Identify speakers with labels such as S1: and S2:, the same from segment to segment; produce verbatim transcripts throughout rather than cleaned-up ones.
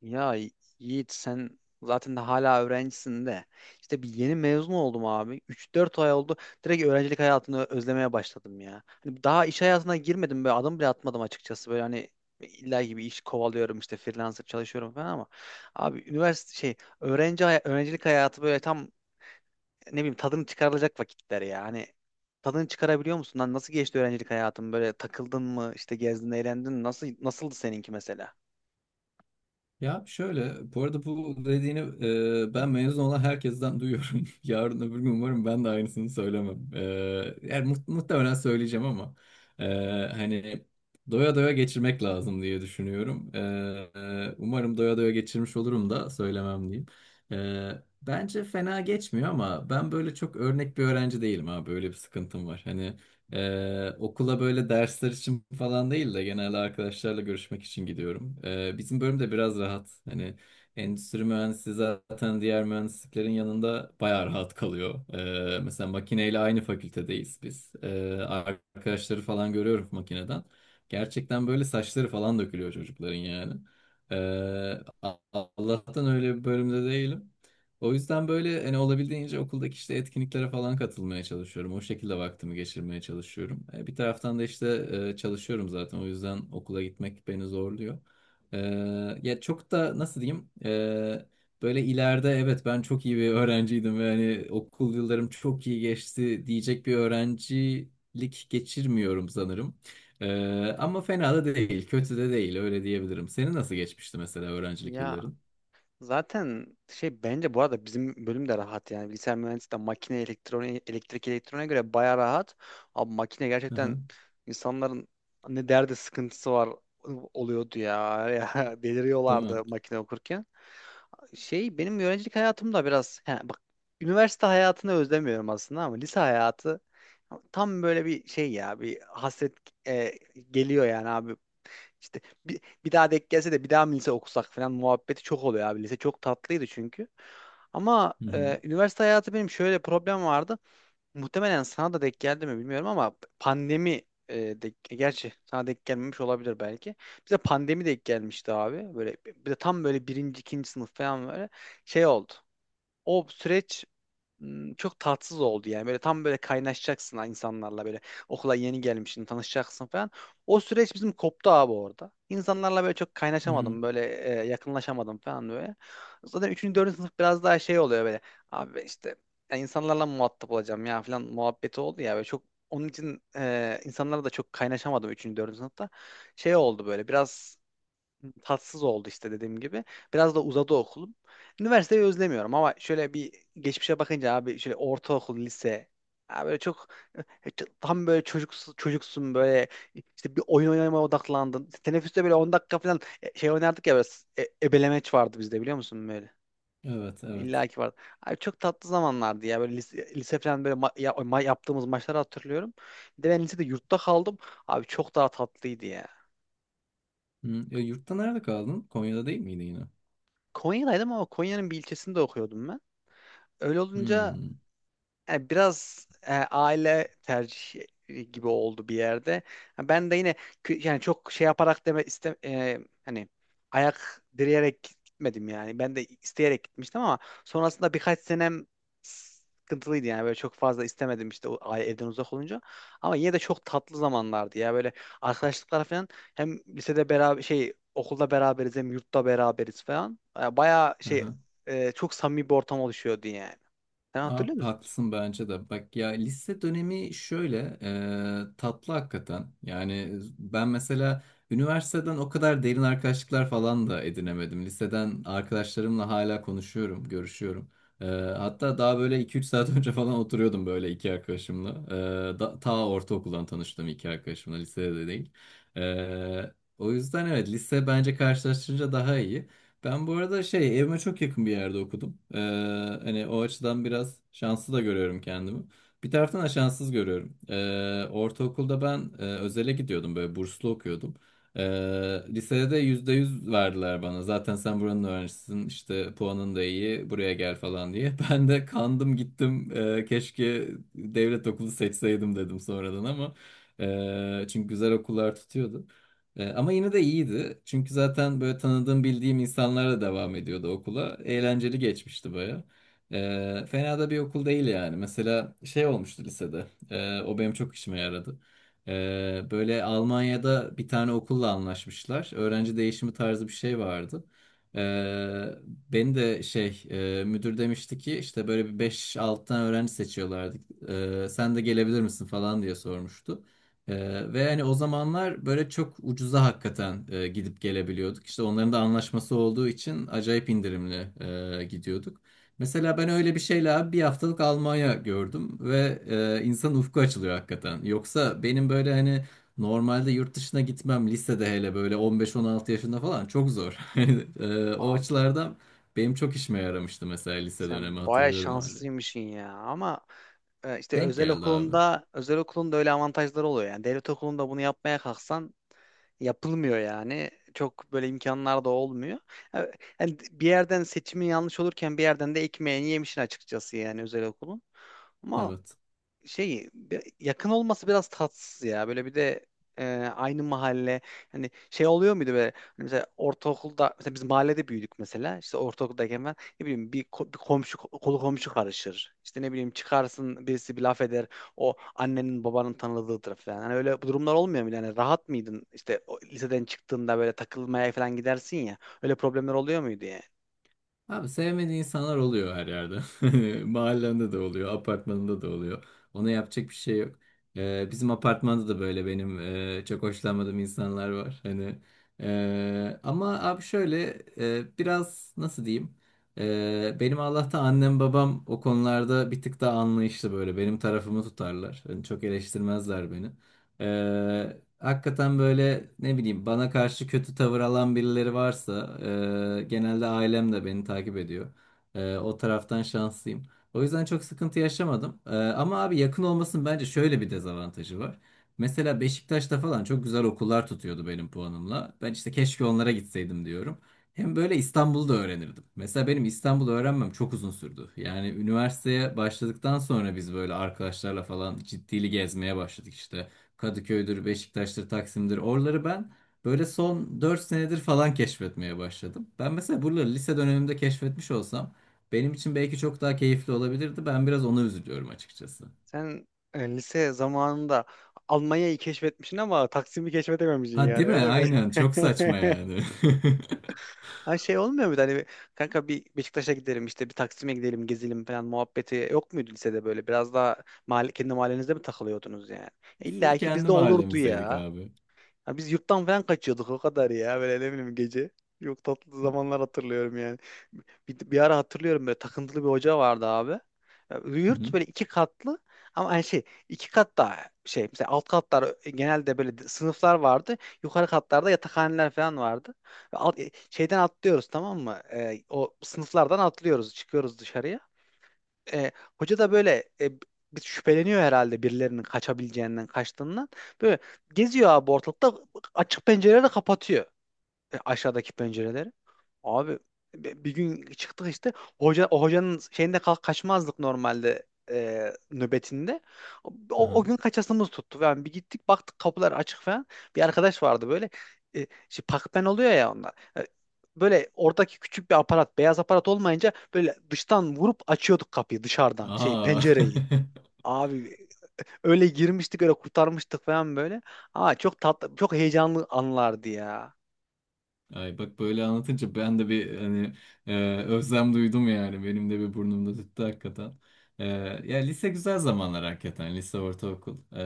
S1: Ya Yiğit, sen zaten de hala öğrencisin de. İşte bir yeni mezun oldum abi. Üç dört ay oldu. Direkt öğrencilik hayatını özlemeye başladım ya. Hani daha iş hayatına girmedim, böyle adım bile atmadım açıkçası. Böyle hani illa gibi iş kovalıyorum, işte freelancer çalışıyorum falan ama abi üniversite şey öğrenci hay- öğrencilik hayatı böyle tam ne bileyim tadını çıkarılacak vakitler ya. Hani tadını çıkarabiliyor musun? Lan nasıl geçti öğrencilik hayatın? Böyle takıldın mı? İşte gezdin, eğlendin mi? Nasıl nasıldı seninki mesela?
S2: Ya şöyle, bu arada bu dediğini e, ben mezun olan herkesten duyuyorum. Yarın öbür gün umarım ben de aynısını söylemem. E, yani mu- muhtemelen söyleyeceğim ama e, hani doya doya geçirmek lazım diye düşünüyorum. E, e, umarım doya doya geçirmiş olurum da söylemem diyeyim. E, bence fena geçmiyor ama ben böyle çok örnek bir öğrenci değilim abi. Böyle bir sıkıntım var. Hani ee, okula böyle dersler için falan değil de genelde arkadaşlarla görüşmek için gidiyorum. Ee, bizim bölüm de biraz rahat. Hani endüstri mühendisliği zaten diğer mühendisliklerin yanında bayağı rahat kalıyor. Ee, mesela makineyle aynı fakültedeyiz biz. Ee, arkadaşları falan görüyorum makineden. Gerçekten böyle saçları falan dökülüyor çocukların yani. Ee, Allah'tan öyle bir bölümde değilim. O yüzden böyle hani olabildiğince okuldaki işte etkinliklere falan katılmaya çalışıyorum. O şekilde vaktimi geçirmeye çalışıyorum. E, bir taraftan da işte e, çalışıyorum zaten. O yüzden okula gitmek beni zorluyor. E, ya çok da nasıl diyeyim? E, böyle ileride evet ben çok iyi bir öğrenciydim ve hani okul yıllarım çok iyi geçti diyecek bir öğrencilik geçirmiyorum sanırım. E, ama fena da değil, kötü de değil öyle diyebilirim. Senin nasıl geçmişti mesela öğrencilik
S1: Ya
S2: yılların?
S1: zaten şey bence bu arada bizim bölüm de rahat yani. Bilgisayar mühendisliği de makine, elektronik, elektrik elektroniğe göre baya rahat. Abi makine
S2: Aha,
S1: gerçekten insanların ne derdi sıkıntısı var oluyordu ya. Ya
S2: değil mi?
S1: deliriyorlardı makine okurken. Şey benim öğrencilik hayatım da biraz he, bak, üniversite hayatını özlemiyorum aslında ama lise hayatı tam böyle bir şey ya, bir hasret e, geliyor yani abi. İşte bir, bir daha denk gelse de bir daha mı lise okusak falan muhabbeti çok oluyor abi. Lise çok tatlıydı çünkü. Ama
S2: Hı hı.
S1: e, üniversite hayatı benim şöyle problem vardı. Muhtemelen sana da denk geldi mi bilmiyorum ama pandemi e, denk- e, gerçi sana denk gelmemiş olabilir belki. Bize pandemi denk gelmişti abi. Böyle bir de tam böyle birinci, ikinci sınıf falan böyle şey oldu. O süreç Hmm, çok tatsız oldu yani. Böyle tam böyle kaynaşacaksın ha insanlarla, böyle okula yeni gelmişsin, tanışacaksın falan. O süreç bizim koptu abi orada. İnsanlarla böyle çok
S2: Hı hı.
S1: kaynaşamadım, böyle e, yakınlaşamadım falan böyle. Zaten üçüncü dördüncü sınıf biraz daha şey oluyor böyle. Abi işte ya insanlarla muhatap olacağım ya falan muhabbeti oldu ya böyle çok. Onun için e, insanlarla da çok kaynaşamadım üçüncü dördüncü sınıfta. Şey oldu böyle biraz, tatsız oldu işte dediğim gibi. Biraz da uzadı okulum. Üniversiteyi özlemiyorum ama şöyle bir geçmişe bakınca abi, şöyle ortaokul, lise ya böyle çok, tam böyle çocuksun, çocuksun böyle, işte bir oyun oynamaya odaklandın. Teneffüste böyle on dakika falan e, şey oynardık ya böyle. E- ebelemeç vardı bizde, biliyor musun böyle.
S2: Evet, evet.
S1: İlla ki vardı. Abi çok tatlı zamanlardı ya. Böyle lise, lise falan böyle ma- ya- ma- yaptığımız maçları hatırlıyorum. Bir de ben lisede yurtta kaldım. Abi çok daha tatlıydı ya.
S2: Hmm. E, yurtta nerede kaldın? Konya'da değil miydi yine?
S1: Konya'daydım ama Konya'nın bir ilçesinde okuyordum ben. Öyle olunca
S2: Hmm.
S1: e, biraz e, aile tercihi e, gibi oldu bir yerde. Ha, ben de yine kü- yani çok şey yaparak deme iste e, hani ayak direyerek gitmedim yani. Ben de isteyerek gitmiştim ama sonrasında birkaç senem sıkıntılıydı yani, böyle çok fazla istemedim işte o aile evden uzak olunca. Ama yine de çok tatlı zamanlardı ya, böyle arkadaşlıklar falan. Hem lisede beraber, şey okulda beraberiz, hem yurtta beraberiz falan. E, Bayağı şey
S2: Aha.
S1: e, çok samimi bir ortam oluşuyordu yani. Sen
S2: Abi
S1: hatırlıyor musun?
S2: haklısın bence de. Bak ya lise dönemi şöyle e, tatlı hakikaten. Yani ben mesela üniversiteden o kadar derin arkadaşlıklar falan da edinemedim. Liseden arkadaşlarımla hala konuşuyorum, görüşüyorum. E, hatta daha böyle iki üç saat önce falan oturuyordum böyle iki arkadaşımla. E, da, ta ortaokuldan tanıştığım iki arkadaşımla, lisede de değil. E, o yüzden evet lise bence karşılaştırınca daha iyi. Ben bu arada şey evime çok yakın bir yerde okudum. Ee, hani o açıdan biraz şanslı da görüyorum kendimi. Bir taraftan da şanssız görüyorum. Ee, ortaokulda ben e, özele gidiyordum böyle burslu okuyordum. Ee, lisede de yüzde yüz verdiler bana. Zaten sen buranın öğrencisisin işte puanın da iyi buraya gel falan diye. Ben de kandım gittim. Ee, keşke devlet okulu seçseydim dedim sonradan ama. ee, çünkü güzel okullar tutuyordu. Ee, ama yine de iyiydi. Çünkü zaten böyle tanıdığım bildiğim insanlarla devam ediyordu okula.
S1: Hı hı.
S2: Eğlenceli geçmişti baya. Ee, fena da bir okul değil yani. Mesela şey olmuştu lisede. Ee, o benim çok işime yaradı. Ee, böyle Almanya'da bir tane okulla anlaşmışlar. Öğrenci değişimi tarzı bir şey vardı. Ee, beni de şey e, müdür demişti ki işte böyle bir beş altı tane öğrenci seçiyorlardı. Ee, sen de gelebilir misin falan diye sormuştu. Ee, ve hani o zamanlar böyle çok ucuza hakikaten e, gidip gelebiliyorduk. İşte onların da anlaşması olduğu için acayip indirimli e, gidiyorduk. Mesela ben öyle bir şeyle abi bir haftalık Almanya gördüm ve e, insan ufku açılıyor hakikaten. Yoksa benim böyle hani normalde yurt dışına gitmem lisede hele böyle on beş on altı yaşında falan çok zor. Hani, e, o
S1: Abi
S2: açılardan benim çok işime yaramıştı mesela lise
S1: sen
S2: dönemi
S1: baya
S2: hatırlıyorum hala.
S1: şanslıymışsın ya. Ama e, işte
S2: Denk
S1: özel
S2: geldi abi.
S1: okulunda, özel okulun da öyle avantajları oluyor. Yani devlet okulunda bunu yapmaya kalksan yapılmıyor yani. Çok böyle imkanlar da olmuyor. E, Yani bir yerden seçimi yanlış olurken bir yerden de ekmeğini yemişsin açıkçası yani, özel okulun. Ama
S2: Evet.
S1: Şeyi bi- yakın olması biraz tatsız ya. Böyle bir de e, aynı mahalle, hani şey oluyor muydu böyle, hani mesela ortaokulda, mesela biz mahallede büyüdük, mesela işte ortaokuldayken ben ne bileyim bir, ko- bir komşu, kolu komşu karışır. İşte ne bileyim çıkarsın, birisi bir laf eder, o annenin babanın tanıdığıdır falan. Hani öyle bu durumlar olmuyor mu? Yani rahat mıydın işte, o liseden çıktığında böyle takılmaya falan gidersin ya, öyle problemler oluyor muydu yani?
S2: Abi sevmediği insanlar oluyor her yerde. Hani mahallende de oluyor, apartmanında da oluyor. Ona yapacak bir şey yok. Ee, bizim apartmanda da böyle benim e, çok hoşlanmadığım insanlar var. Hani e, ama abi şöyle e, biraz nasıl diyeyim? E, benim Allah'tan annem babam o konularda bir tık daha anlayışlı böyle. Benim tarafımı tutarlar. Hani çok eleştirmezler beni. Ee, hakikaten böyle ne bileyim bana karşı kötü tavır alan birileri varsa e, genelde ailem de beni takip ediyor. E, o taraftan şanslıyım. O yüzden çok sıkıntı yaşamadım. E, ama abi yakın olmasının bence şöyle bir dezavantajı var. Mesela Beşiktaş'ta falan çok güzel okullar tutuyordu benim puanımla. Ben işte keşke onlara gitseydim diyorum. Hem böyle İstanbul'u da öğrenirdim. Mesela benim İstanbul'u öğrenmem çok uzun sürdü. Yani üniversiteye başladıktan sonra biz böyle arkadaşlarla falan ciddili gezmeye başladık işte. Kadıköy'dür, Beşiktaş'tır, Taksim'dir. Oraları ben böyle son dört senedir falan keşfetmeye başladım. Ben mesela buraları lise dönemimde keşfetmiş olsam benim için belki çok daha keyifli olabilirdi. Ben biraz ona üzülüyorum açıkçası.
S1: Sen e, lise zamanında Almanya'yı keşfetmişsin ama Taksim'i keşfedememişsin
S2: Ha
S1: yani,
S2: değil mi?
S1: öyle mi?
S2: Aynen. Çok saçma yani.
S1: Ha, şey olmuyor muydu hani bir- kanka, bir Beşiktaş'a gidelim, işte bir Taksim'e gidelim, gezelim falan muhabbeti yok muydu lisede böyle? Biraz daha mahalle, kendi mahallenizde mi takılıyordunuz yani?
S2: Full
S1: İlla ki
S2: kendi
S1: bizde olurdu
S2: mahallemizdeydik
S1: ya.
S2: abi.
S1: Ya biz yurttan falan kaçıyorduk o kadar ya, böyle ne bileyim gece. Yok, tatlı zamanlar hatırlıyorum yani. Bir, bir ara hatırlıyorum böyle, takıntılı bir hoca vardı abi. Ya,
S2: Hı
S1: yurt
S2: hı.
S1: böyle iki katlı ama hani şey, iki katta şey mesela alt katlar e, genelde böyle sınıflar vardı. Yukarı katlarda yatakhaneler falan vardı. Ve alt- e, şeyden atlıyoruz, tamam mı? Ee, o sınıflardan atlıyoruz, çıkıyoruz dışarıya. e, Hoca da böyle e, bir şüpheleniyor herhalde birilerinin kaçabileceğinden, kaçtığından. Böyle geziyor abi ortalıkta, açık pencereleri kapatıyor, e, aşağıdaki pencereleri. Abi bi- bir gün çıktık işte. Hoca o hocanın şeyinde, kalk kaçmazdık normalde e, nöbetinde. O, o
S2: Aha.
S1: gün kaçasımız tuttu. Yani bir gittik, baktık kapılar açık falan. Bir arkadaş vardı böyle, e, şey, pakpen oluyor ya onlar. E, Böyle oradaki küçük bir aparat, beyaz aparat olmayınca böyle dıştan vurup açıyorduk kapıyı dışarıdan, şey
S2: Aa.
S1: pencereyi. Abi öyle girmiştik, öyle kurtarmıştık falan böyle. Aa, çok tatlı, çok heyecanlı anlardı ya.
S2: Ay bak böyle anlatınca ben de bir hani e, özlem duydum yani. Benim de bir burnumda tüttü hakikaten. E, ya lise güzel zamanlar hakikaten. Lise, ortaokul. E,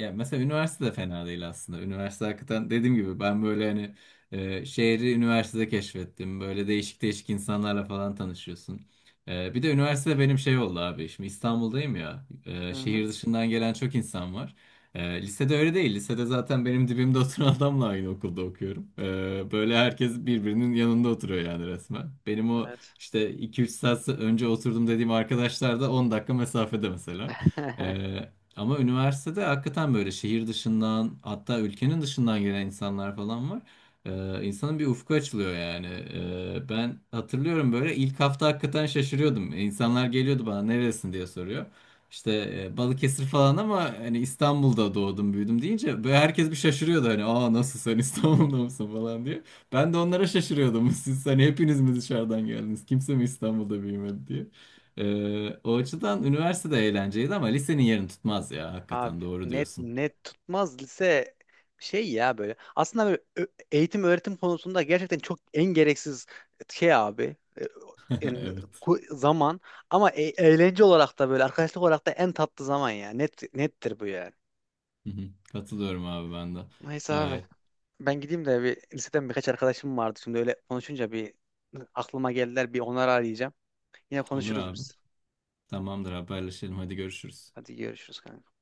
S2: ya mesela üniversite de fena değil aslında. Üniversite hakikaten dediğim gibi ben böyle hani e, şehri üniversitede keşfettim. Böyle değişik değişik insanlarla falan tanışıyorsun. E, bir de üniversite benim şey oldu abi. Şimdi İstanbul'dayım ya.
S1: Hı
S2: E,
S1: hı.
S2: şehir dışından gelen çok insan var. Ee, lisede öyle değil. Lisede zaten benim dibimde oturan adamla aynı okulda okuyorum. Ee, böyle herkes birbirinin yanında oturuyor yani resmen. Benim o
S1: Evet.
S2: işte iki üç saat önce oturdum dediğim arkadaşlar da on dakika mesafede mesela. Ee, ama üniversitede hakikaten böyle şehir dışından hatta ülkenin dışından gelen insanlar falan var. Ee, insanın bir ufku açılıyor yani. Ee, ben hatırlıyorum böyle ilk hafta hakikaten şaşırıyordum. İnsanlar geliyordu bana neresin diye soruyor. İşte e, Balıkesir falan ama hani İstanbul'da doğdum büyüdüm deyince böyle herkes bir şaşırıyordu hani aa nasıl sen İstanbul'da mısın falan diye. Ben de onlara şaşırıyordum siz hani hepiniz mi dışarıdan geldiniz kimse mi İstanbul'da büyümedi diye. E, o açıdan üniversitede eğlenceliydi ama lisenin yerini tutmaz ya hakikaten
S1: Abi
S2: doğru
S1: net
S2: diyorsun.
S1: net tutmaz lise şey ya böyle. Aslında böyle ö- eğitim öğretim konusunda gerçekten çok en gereksiz şey abi. E, Yani
S2: Evet.
S1: ku- zaman, ama e- eğlence olarak da, böyle arkadaşlık olarak da en tatlı zaman ya. Net nettir bu yani.
S2: Hı hı. Katılıyorum abi ben de.
S1: Neyse abi,
S2: Ay,
S1: ben gideyim de bir liseden birkaç arkadaşım vardı, şimdi öyle konuşunca bir aklıma geldiler. Bir onları arayacağım. Yine
S2: olur
S1: konuşuruz
S2: abi.
S1: biz.
S2: Tamamdır, haberleşelim, hadi görüşürüz.
S1: Hadi görüşürüz kanka.